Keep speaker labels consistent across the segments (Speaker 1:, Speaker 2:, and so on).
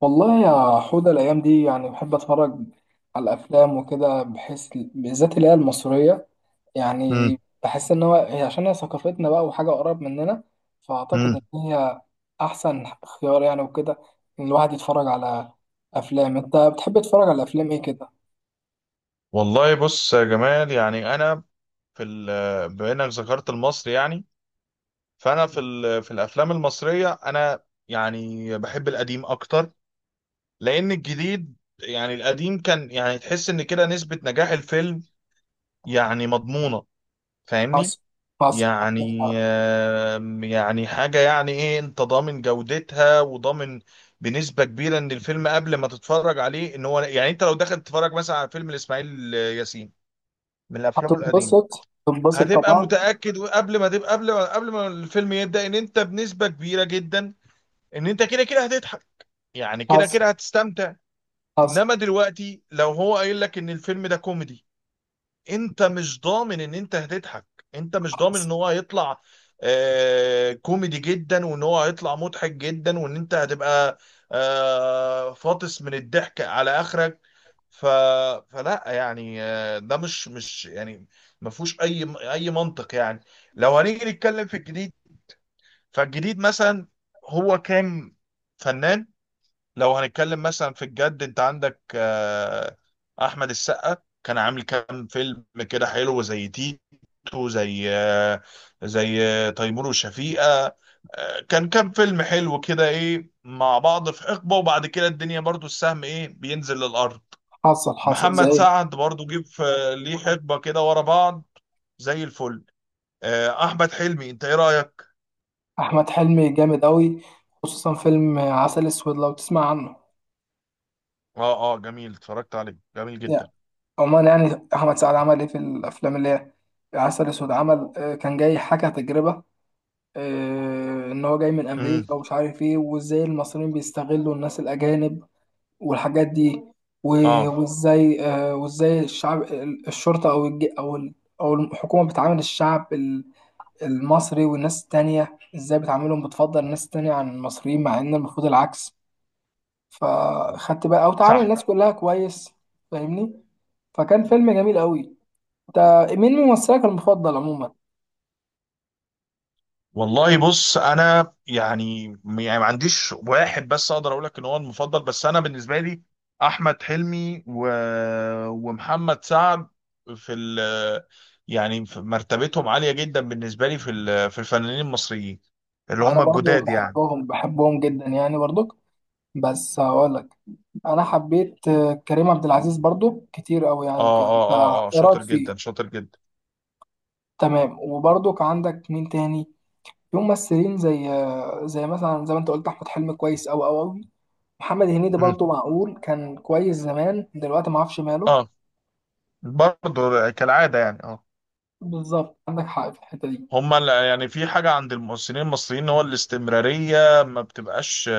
Speaker 1: والله يا حودة، الأيام دي يعني بحب أتفرج على الأفلام وكده. بحس بالذات اللي هي المصرية يعني
Speaker 2: مم.
Speaker 1: بحس إن هو هي، عشان هي ثقافتنا بقى وحاجة قريب مننا، فأعتقد
Speaker 2: مم.
Speaker 1: إن هي أحسن خيار يعني وكده، إن الواحد يتفرج على أفلام. أنت بتحب تتفرج على أفلام إيه كده؟
Speaker 2: والله بص يا جمال، يعني انا بما انك ذكرت المصري، يعني فانا في الافلام المصريه، انا يعني بحب القديم اكتر، لان الجديد يعني القديم كان، يعني تحس ان كده نسبه نجاح الفيلم يعني مضمونه. فاهمني؟
Speaker 1: حصل حصل.
Speaker 2: يعني يعني حاجه يعني ايه، انت ضامن جودتها، وضامن بنسبه كبيره ان الفيلم قبل ما تتفرج عليه ان هو، يعني انت لو دخلت تتفرج مثلا على فيلم لاسماعيل ياسين من افلامه القديمه،
Speaker 1: هتنبسط، تنبسط
Speaker 2: هتبقى
Speaker 1: طبعا.
Speaker 2: متأكد قبل ما تبقى قبل ما قبل ما الفيلم يبدأ ان انت بنسبة كبيرة جدا ان انت كده كده هتضحك، يعني كده
Speaker 1: حصل
Speaker 2: كده هتستمتع.
Speaker 1: حصل.
Speaker 2: انما دلوقتي لو هو قايل لك ان الفيلم ده كوميدي، انت مش ضامن ان انت هتضحك، انت مش ضامن
Speaker 1: حصل
Speaker 2: ان هو هيطلع كوميدي جدا، وان هو هيطلع مضحك جدا، وان انت هتبقى فاطس من الضحك على اخرك. ف... فلا يعني ده مش يعني، ما فيهوش اي منطق يعني. لو هنيجي نتكلم في الجديد، فالجديد مثلا هو كان فنان. لو هنتكلم مثلا في الجد، انت عندك احمد السقا، كان عامل كام فيلم كده حلو، زي تيتو، زي تيمور وشفيقة. كان كام فيلم حلو كده ايه مع بعض في حقبة، وبعد كده الدنيا برضو السهم ايه بينزل للأرض.
Speaker 1: حصل. حصل
Speaker 2: محمد
Speaker 1: زي
Speaker 2: سعد برضو جه في ليه حقبة كده ورا بعض، زي الفل. احمد حلمي، انت ايه رأيك؟
Speaker 1: أحمد حلمي. جامد أوي، خصوصا فيلم عسل أسود، لو تسمع عنه.
Speaker 2: اه، اه، جميل، اتفرجت عليه، جميل جدا.
Speaker 1: عموما يعني احمد سعد عمل ايه في الافلام اللي هي عسل اسود. عمل كان جاي حكى تجربه. ان هو جاي من
Speaker 2: امم.
Speaker 1: امريكا ومش عارف ايه، وازاي المصريين بيستغلوا الناس الاجانب والحاجات دي.
Speaker 2: اه.
Speaker 1: وازاي الشعب، الشرطه او الحكومه بتعامل الشعب المصري، والناس التانية ازاي بتعاملهم، بتفضل الناس التانية عن المصريين مع ان المفروض العكس، فخدت بقى او تعامل
Speaker 2: صح.
Speaker 1: الناس كلها كويس. فاهمني؟ فكان فيلم جميل قوي. انت مين ممثلك المفضل عموما؟
Speaker 2: والله بص، انا يعني ما عنديش واحد بس اقدر اقول لك ان هو المفضل، بس انا بالنسبه لي احمد حلمي ومحمد سعد في ال... يعني في مرتبتهم عاليه جدا بالنسبه لي، في الفنانين المصريين اللي
Speaker 1: انا
Speaker 2: هم
Speaker 1: برضو
Speaker 2: الجداد يعني.
Speaker 1: بحبهم بحبهم جدا يعني برضو، بس هقولك، انا حبيت كريم عبد العزيز برضو كتير قوي يعني
Speaker 2: اه،
Speaker 1: وكده.
Speaker 2: اه،
Speaker 1: انت
Speaker 2: اه، اه،
Speaker 1: ايه رايك
Speaker 2: شاطر جدا
Speaker 1: فيه؟
Speaker 2: شاطر جدا.
Speaker 1: تمام. وبرضو كان عندك مين تاني في ممثلين زي زي مثلا زي ما انت قلت احمد حلمي كويس قوي قوي قوي. محمد هنيدي
Speaker 2: مم.
Speaker 1: برضو معقول كان كويس زمان، دلوقتي ما اعرفش ماله.
Speaker 2: اه. برضه كالعاده يعني. اه،
Speaker 1: بالظبط، عندك حق في الحته دي.
Speaker 2: يعني في حاجة عند الممثلين المصريين، هو الاستمرارية ما بتبقاش،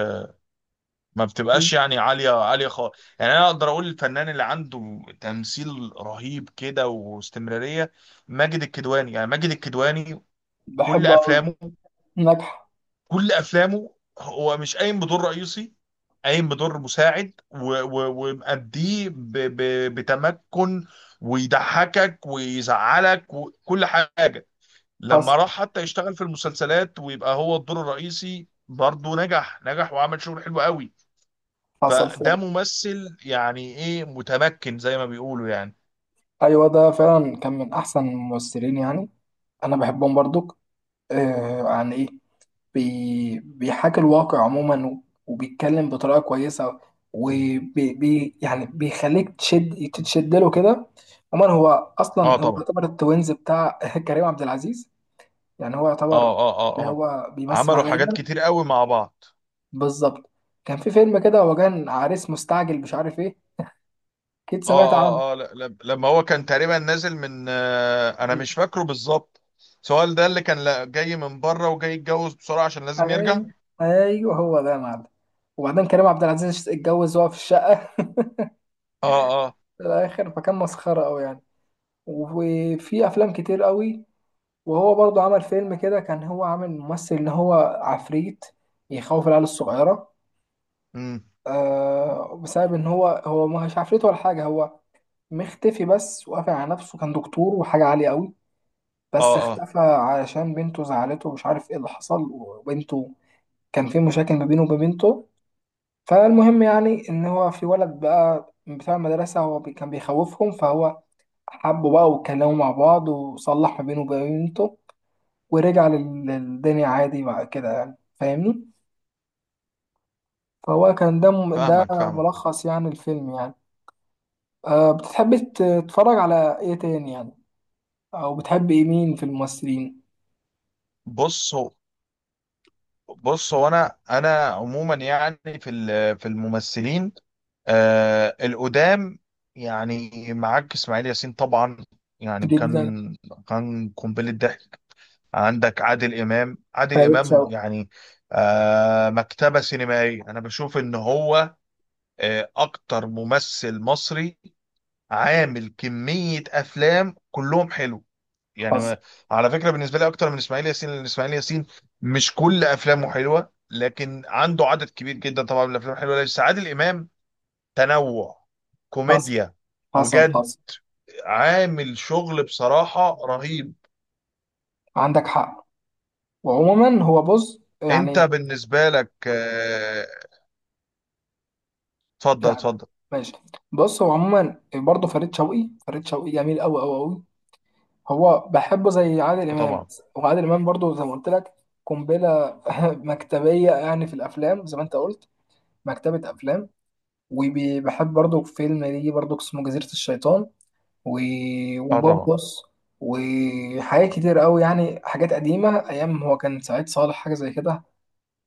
Speaker 2: ما بتبقاش يعني عالية عالية خالص. يعني أنا أقدر أقول الفنان اللي عنده تمثيل رهيب كده واستمرارية ماجد الكدواني، يعني ماجد الكدواني كل
Speaker 1: بحبه قوي.
Speaker 2: أفلامه،
Speaker 1: نجح.
Speaker 2: كل أفلامه هو مش قايم بدور رئيسي، قايم بدور مساعد ومأديه بتمكن، ويضحكك ويزعلك وكل حاجة.
Speaker 1: حصل
Speaker 2: لما راح حتى يشتغل في المسلسلات ويبقى هو الدور الرئيسي، برضه نجح نجح، وعمل شغل حلو قوي.
Speaker 1: حصل.
Speaker 2: فده ممثل يعني ايه متمكن زي ما بيقولوا يعني.
Speaker 1: ايوه، ده فعلا كان من احسن الممثلين يعني. انا بحبهم برضك. آه، عن ايه؟ بيحاكي الواقع عموما، وبيتكلم بطريقه كويسه، وبي بي يعني بيخليك تتشد له كده. عموما هو
Speaker 2: اه
Speaker 1: اصلا هو
Speaker 2: طبعا.
Speaker 1: يعتبر التوينز بتاع كريم عبد العزيز يعني. هو يعتبر
Speaker 2: اه، اه، اه،
Speaker 1: اللي
Speaker 2: اه.
Speaker 1: هو بيمثل
Speaker 2: عملوا
Speaker 1: معاه
Speaker 2: حاجات
Speaker 1: دايما.
Speaker 2: كتير قوي مع بعض.
Speaker 1: بالظبط. كان في فيلم كده، هو كان عريس مستعجل مش عارف ايه، اكيد
Speaker 2: اه،
Speaker 1: سمعت عنه.
Speaker 2: اه، اه، لما هو كان تقريبا نازل من انا مش فاكره بالظبط سؤال ده اللي كان جاي من بره وجاي يتجوز بسرعة عشان لازم يرجع.
Speaker 1: اي، ايوه هو ده يا معلم. وبعدين كريم عبد العزيز اتجوز وهو في الشقه
Speaker 2: اه. اه.
Speaker 1: في الاخر، فكان مسخره قوي يعني. وفي افلام كتير قوي. وهو برضو عمل فيلم كده، كان هو عامل ممثل ان هو عفريت يخوف العيال الصغيره.
Speaker 2: امم.
Speaker 1: آه بسبب ان هو مش عفريت ولا حاجه، هو مختفي بس وقافل على نفسه، كان دكتور وحاجه عاليه قوي، بس
Speaker 2: اه. اه،
Speaker 1: اختفى علشان بنته زعلته ومش عارف ايه اللي حصل، وبنته كان في مشاكل ما بينه وما بنته. فالمهم يعني ان هو في ولد بقى بتاع المدرسه هو كان بيخوفهم، فهو حبه بقى واتكلموا مع بعض وصلح ما بينه وبين بنته، ورجع للدنيا عادي بعد كده يعني. فاهمني؟ فهو كان ده
Speaker 2: فاهمك فاهمك.
Speaker 1: ملخص يعني الفيلم يعني. أه، بتحب تتفرج على ايه تاني يعني؟ او بتحب ايه، مين في الممثلين؟
Speaker 2: بص هو بص هو، انا عموما يعني في الممثلين القدام، يعني معاك اسماعيل ياسين طبعا، يعني
Speaker 1: جدا.
Speaker 2: كان قنبله ضحك. عندك عادل امام، عادل
Speaker 1: فريد
Speaker 2: امام
Speaker 1: شوقي.
Speaker 2: يعني مكتبه سينمائيه، انا بشوف ان هو اكتر ممثل مصري عامل كميه افلام كلهم حلو، يعني
Speaker 1: حصل
Speaker 2: على فكره بالنسبه لي اكتر من اسماعيل ياسين، لان اسماعيل ياسين مش كل افلامه حلوه، لكن عنده عدد كبير جدا طبعا من الافلام الحلوه. بس عادل امام تنوع،
Speaker 1: حصل.
Speaker 2: كوميديا
Speaker 1: حصل
Speaker 2: وجد،
Speaker 1: حصل.
Speaker 2: عامل شغل بصراحه رهيب.
Speaker 1: عندك حق. وعموما هو بص
Speaker 2: انت
Speaker 1: يعني،
Speaker 2: بالنسبه لك اتفضل
Speaker 1: يعني
Speaker 2: اتفضل.
Speaker 1: ماشي. بص هو عموما برضه فريد شوقي، فريد شوقي جميل قوي قوي قوي. هو بحبه زي عادل امام.
Speaker 2: طبعا.
Speaker 1: وعادل امام برضه زي ما قلت لك قنبله مكتبيه يعني في الافلام، زي ما انت قلت مكتبه افلام. وبحب برضه فيلم ليه برضه اسمه جزيره الشيطان، و...
Speaker 2: اه طبعا.
Speaker 1: وبوبوس، وحاجات كتير قوي يعني، حاجات قديمه ايام هو كان سعيد صالح حاجه زي كده،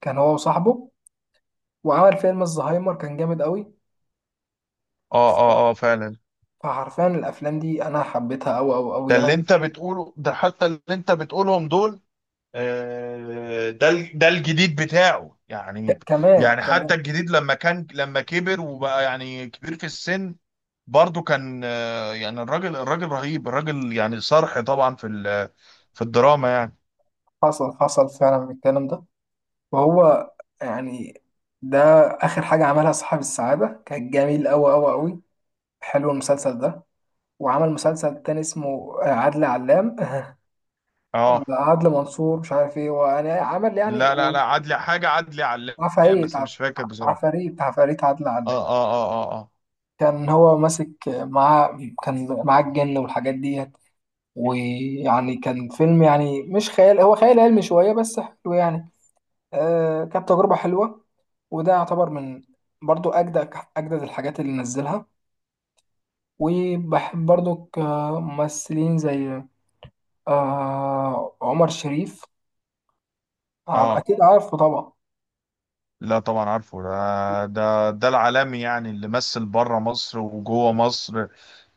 Speaker 1: كان هو وصاحبه. وعمل فيلم الزهايمر كان جامد قوي.
Speaker 2: اه، اه، اه، فعلا.
Speaker 1: فحرفيا الافلام دي انا حبيتها قوي قوي قوي
Speaker 2: ده اللي
Speaker 1: يعني.
Speaker 2: انت بتقوله ده، حتى اللي انت بتقولهم دول ده الجديد بتاعه يعني.
Speaker 1: كمان
Speaker 2: يعني حتى
Speaker 1: كمان.
Speaker 2: الجديد لما كبر وبقى يعني كبير في السن، برضه كان آه، يعني الراجل الراجل رهيب، الراجل يعني صرح طبعا في الدراما يعني.
Speaker 1: حصل حصل فعلا من الكلام ده. وهو يعني، ده اخر حاجه عملها صاحب السعاده، كان جميل قوي قوي قوي. حلو المسلسل ده. وعمل مسلسل تاني اسمه عدل علام ولا
Speaker 2: اه.
Speaker 1: عدل منصور مش عارف ايه، وانا عمل يعني
Speaker 2: لا لا لا عدلي حاجة، عدلي علام،
Speaker 1: عفاريت
Speaker 2: بس مش فاكر بصراحة.
Speaker 1: عفاريت عفاريت عدل
Speaker 2: اه،
Speaker 1: علام.
Speaker 2: اه، اه، اه،
Speaker 1: كان هو ماسك معاه، كان معاه الجن والحاجات دي. ويعني كان فيلم يعني مش خيال، هو خيال علمي شوية بس حلو يعني. آه كانت تجربة حلوة. وده يعتبر من برضو أجدد أجدد الحاجات اللي نزلها. وبحب برضو كممثلين زي عمر شريف.
Speaker 2: اه، اه،
Speaker 1: أكيد عارفه طبعا.
Speaker 2: لا طبعا عارفه، ده العالمي، يعني اللي مثل بره مصر وجوه مصر،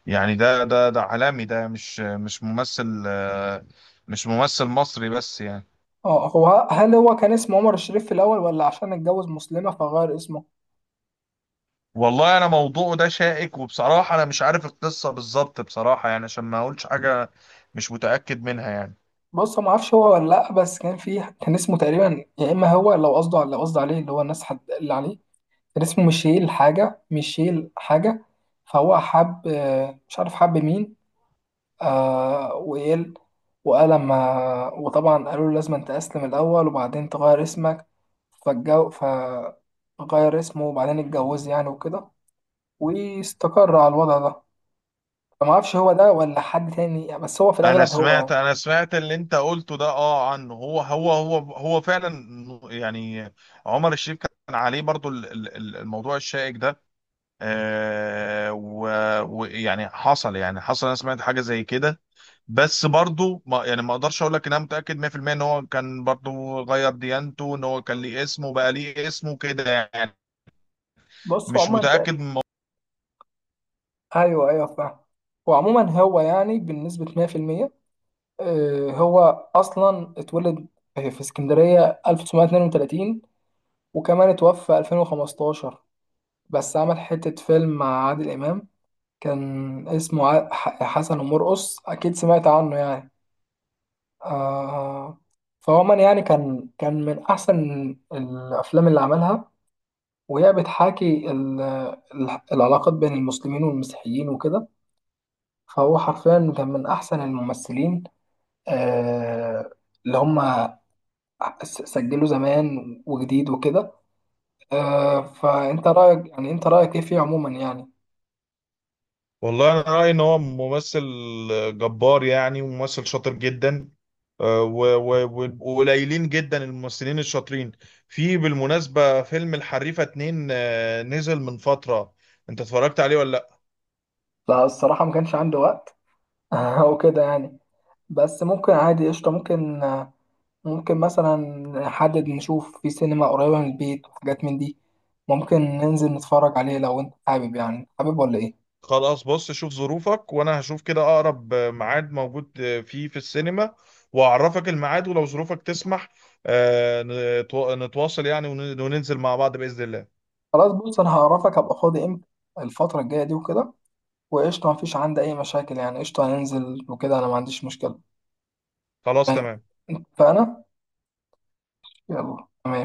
Speaker 2: يعني ده عالمي، ده مش ممثل آه، مش ممثل مصري بس يعني.
Speaker 1: اه، هو هل هو كان اسمه عمر الشريف في الأول، ولا عشان اتجوز مسلمة فغير اسمه؟
Speaker 2: والله انا موضوعه ده شائك، وبصراحة انا مش عارف القصة بالظبط، بصراحة يعني عشان ما اقولش حاجة مش متأكد منها يعني.
Speaker 1: بص، ما اعرفش هو ولا لا، بس كان فيه كان اسمه تقريبا، يا اما هو لو قصده لو قصده عليه اللي هو الناس حد اللي عليه، كان اسمه ميشيل حاجة، ميشيل حاجة. فهو حب مش عارف حب مين. آه وقال وقال لما، وطبعا قالوا له لازم انت تسلم الأول وبعدين تغير اسمك. فالجو فغير اسمه وبعدين اتجوز يعني وكده، واستقر على الوضع ده. فما اعرفش هو ده ولا حد تاني، بس هو في
Speaker 2: انا
Speaker 1: الأغلب هو
Speaker 2: سمعت
Speaker 1: يعني.
Speaker 2: انا سمعت اللي انت قلته ده، اه عنه، هو فعلا يعني. عمر الشريف كان عليه برضو الموضوع الشائك ده آه، ويعني حصل، يعني حصل، انا سمعت حاجة زي كده. بس برضو ما يعني ما اقدرش اقول لك ان انا متاكد 100% ان هو كان برضو غير ديانته، ان هو كان ليه اسمه كده يعني،
Speaker 1: بص هو
Speaker 2: مش
Speaker 1: عموما.
Speaker 2: متاكد من الموضوع.
Speaker 1: أيوه أيوه فاهم. هو عموما هو يعني بنسبة 100%. هو اصلا اتولد في اسكندريه 1932، وكمان اتوفى 2015. بس عمل حته فيلم مع عادل امام، كان اسمه حسن ومرقص، اكيد سمعت عنه يعني. آه، فهو من يعني كان، كان من احسن الافلام اللي عملها، وهي بتحاكي العلاقات بين المسلمين والمسيحيين وكده. فهو حرفيا كان من احسن الممثلين. آه، اللي هم سجله زمان وجديد وكده. فانت رايك يعني، انت رايك ايه فيه عموما يعني؟
Speaker 2: والله انا رايي ان هو ممثل جبار يعني، وممثل شاطر جدا آه، وقليلين جدا الممثلين الشاطرين. في بالمناسبه فيلم الحريفه اتنين آه، نزل من فتره، انت اتفرجت عليه ولا؟
Speaker 1: لا الصراحه ما كانش عندي وقت وكده يعني. بس ممكن عادي، قشطه، ممكن ممكن مثلا نحدد نشوف في سينما قريبه من البيت وحاجات من دي، ممكن ننزل نتفرج عليه لو انت حابب. يعني حابب ولا ايه؟
Speaker 2: خلاص بص، شوف ظروفك، وانا هشوف كده اقرب ميعاد موجود فيه في السينما، واعرفك الميعاد، ولو ظروفك تسمح آه، نتواصل يعني وننزل مع بعض بإذن الله.
Speaker 1: خلاص، بص انا هعرفك هبقى فاضي امتى الفتره الجايه دي وكده. وقشطه، ما فيش عندي اي مشاكل يعني، قشطه هننزل وكده، انا ما عنديش مشكله.
Speaker 2: خلاص
Speaker 1: فاهم؟
Speaker 2: تمام.
Speaker 1: فانا، يلا تمام.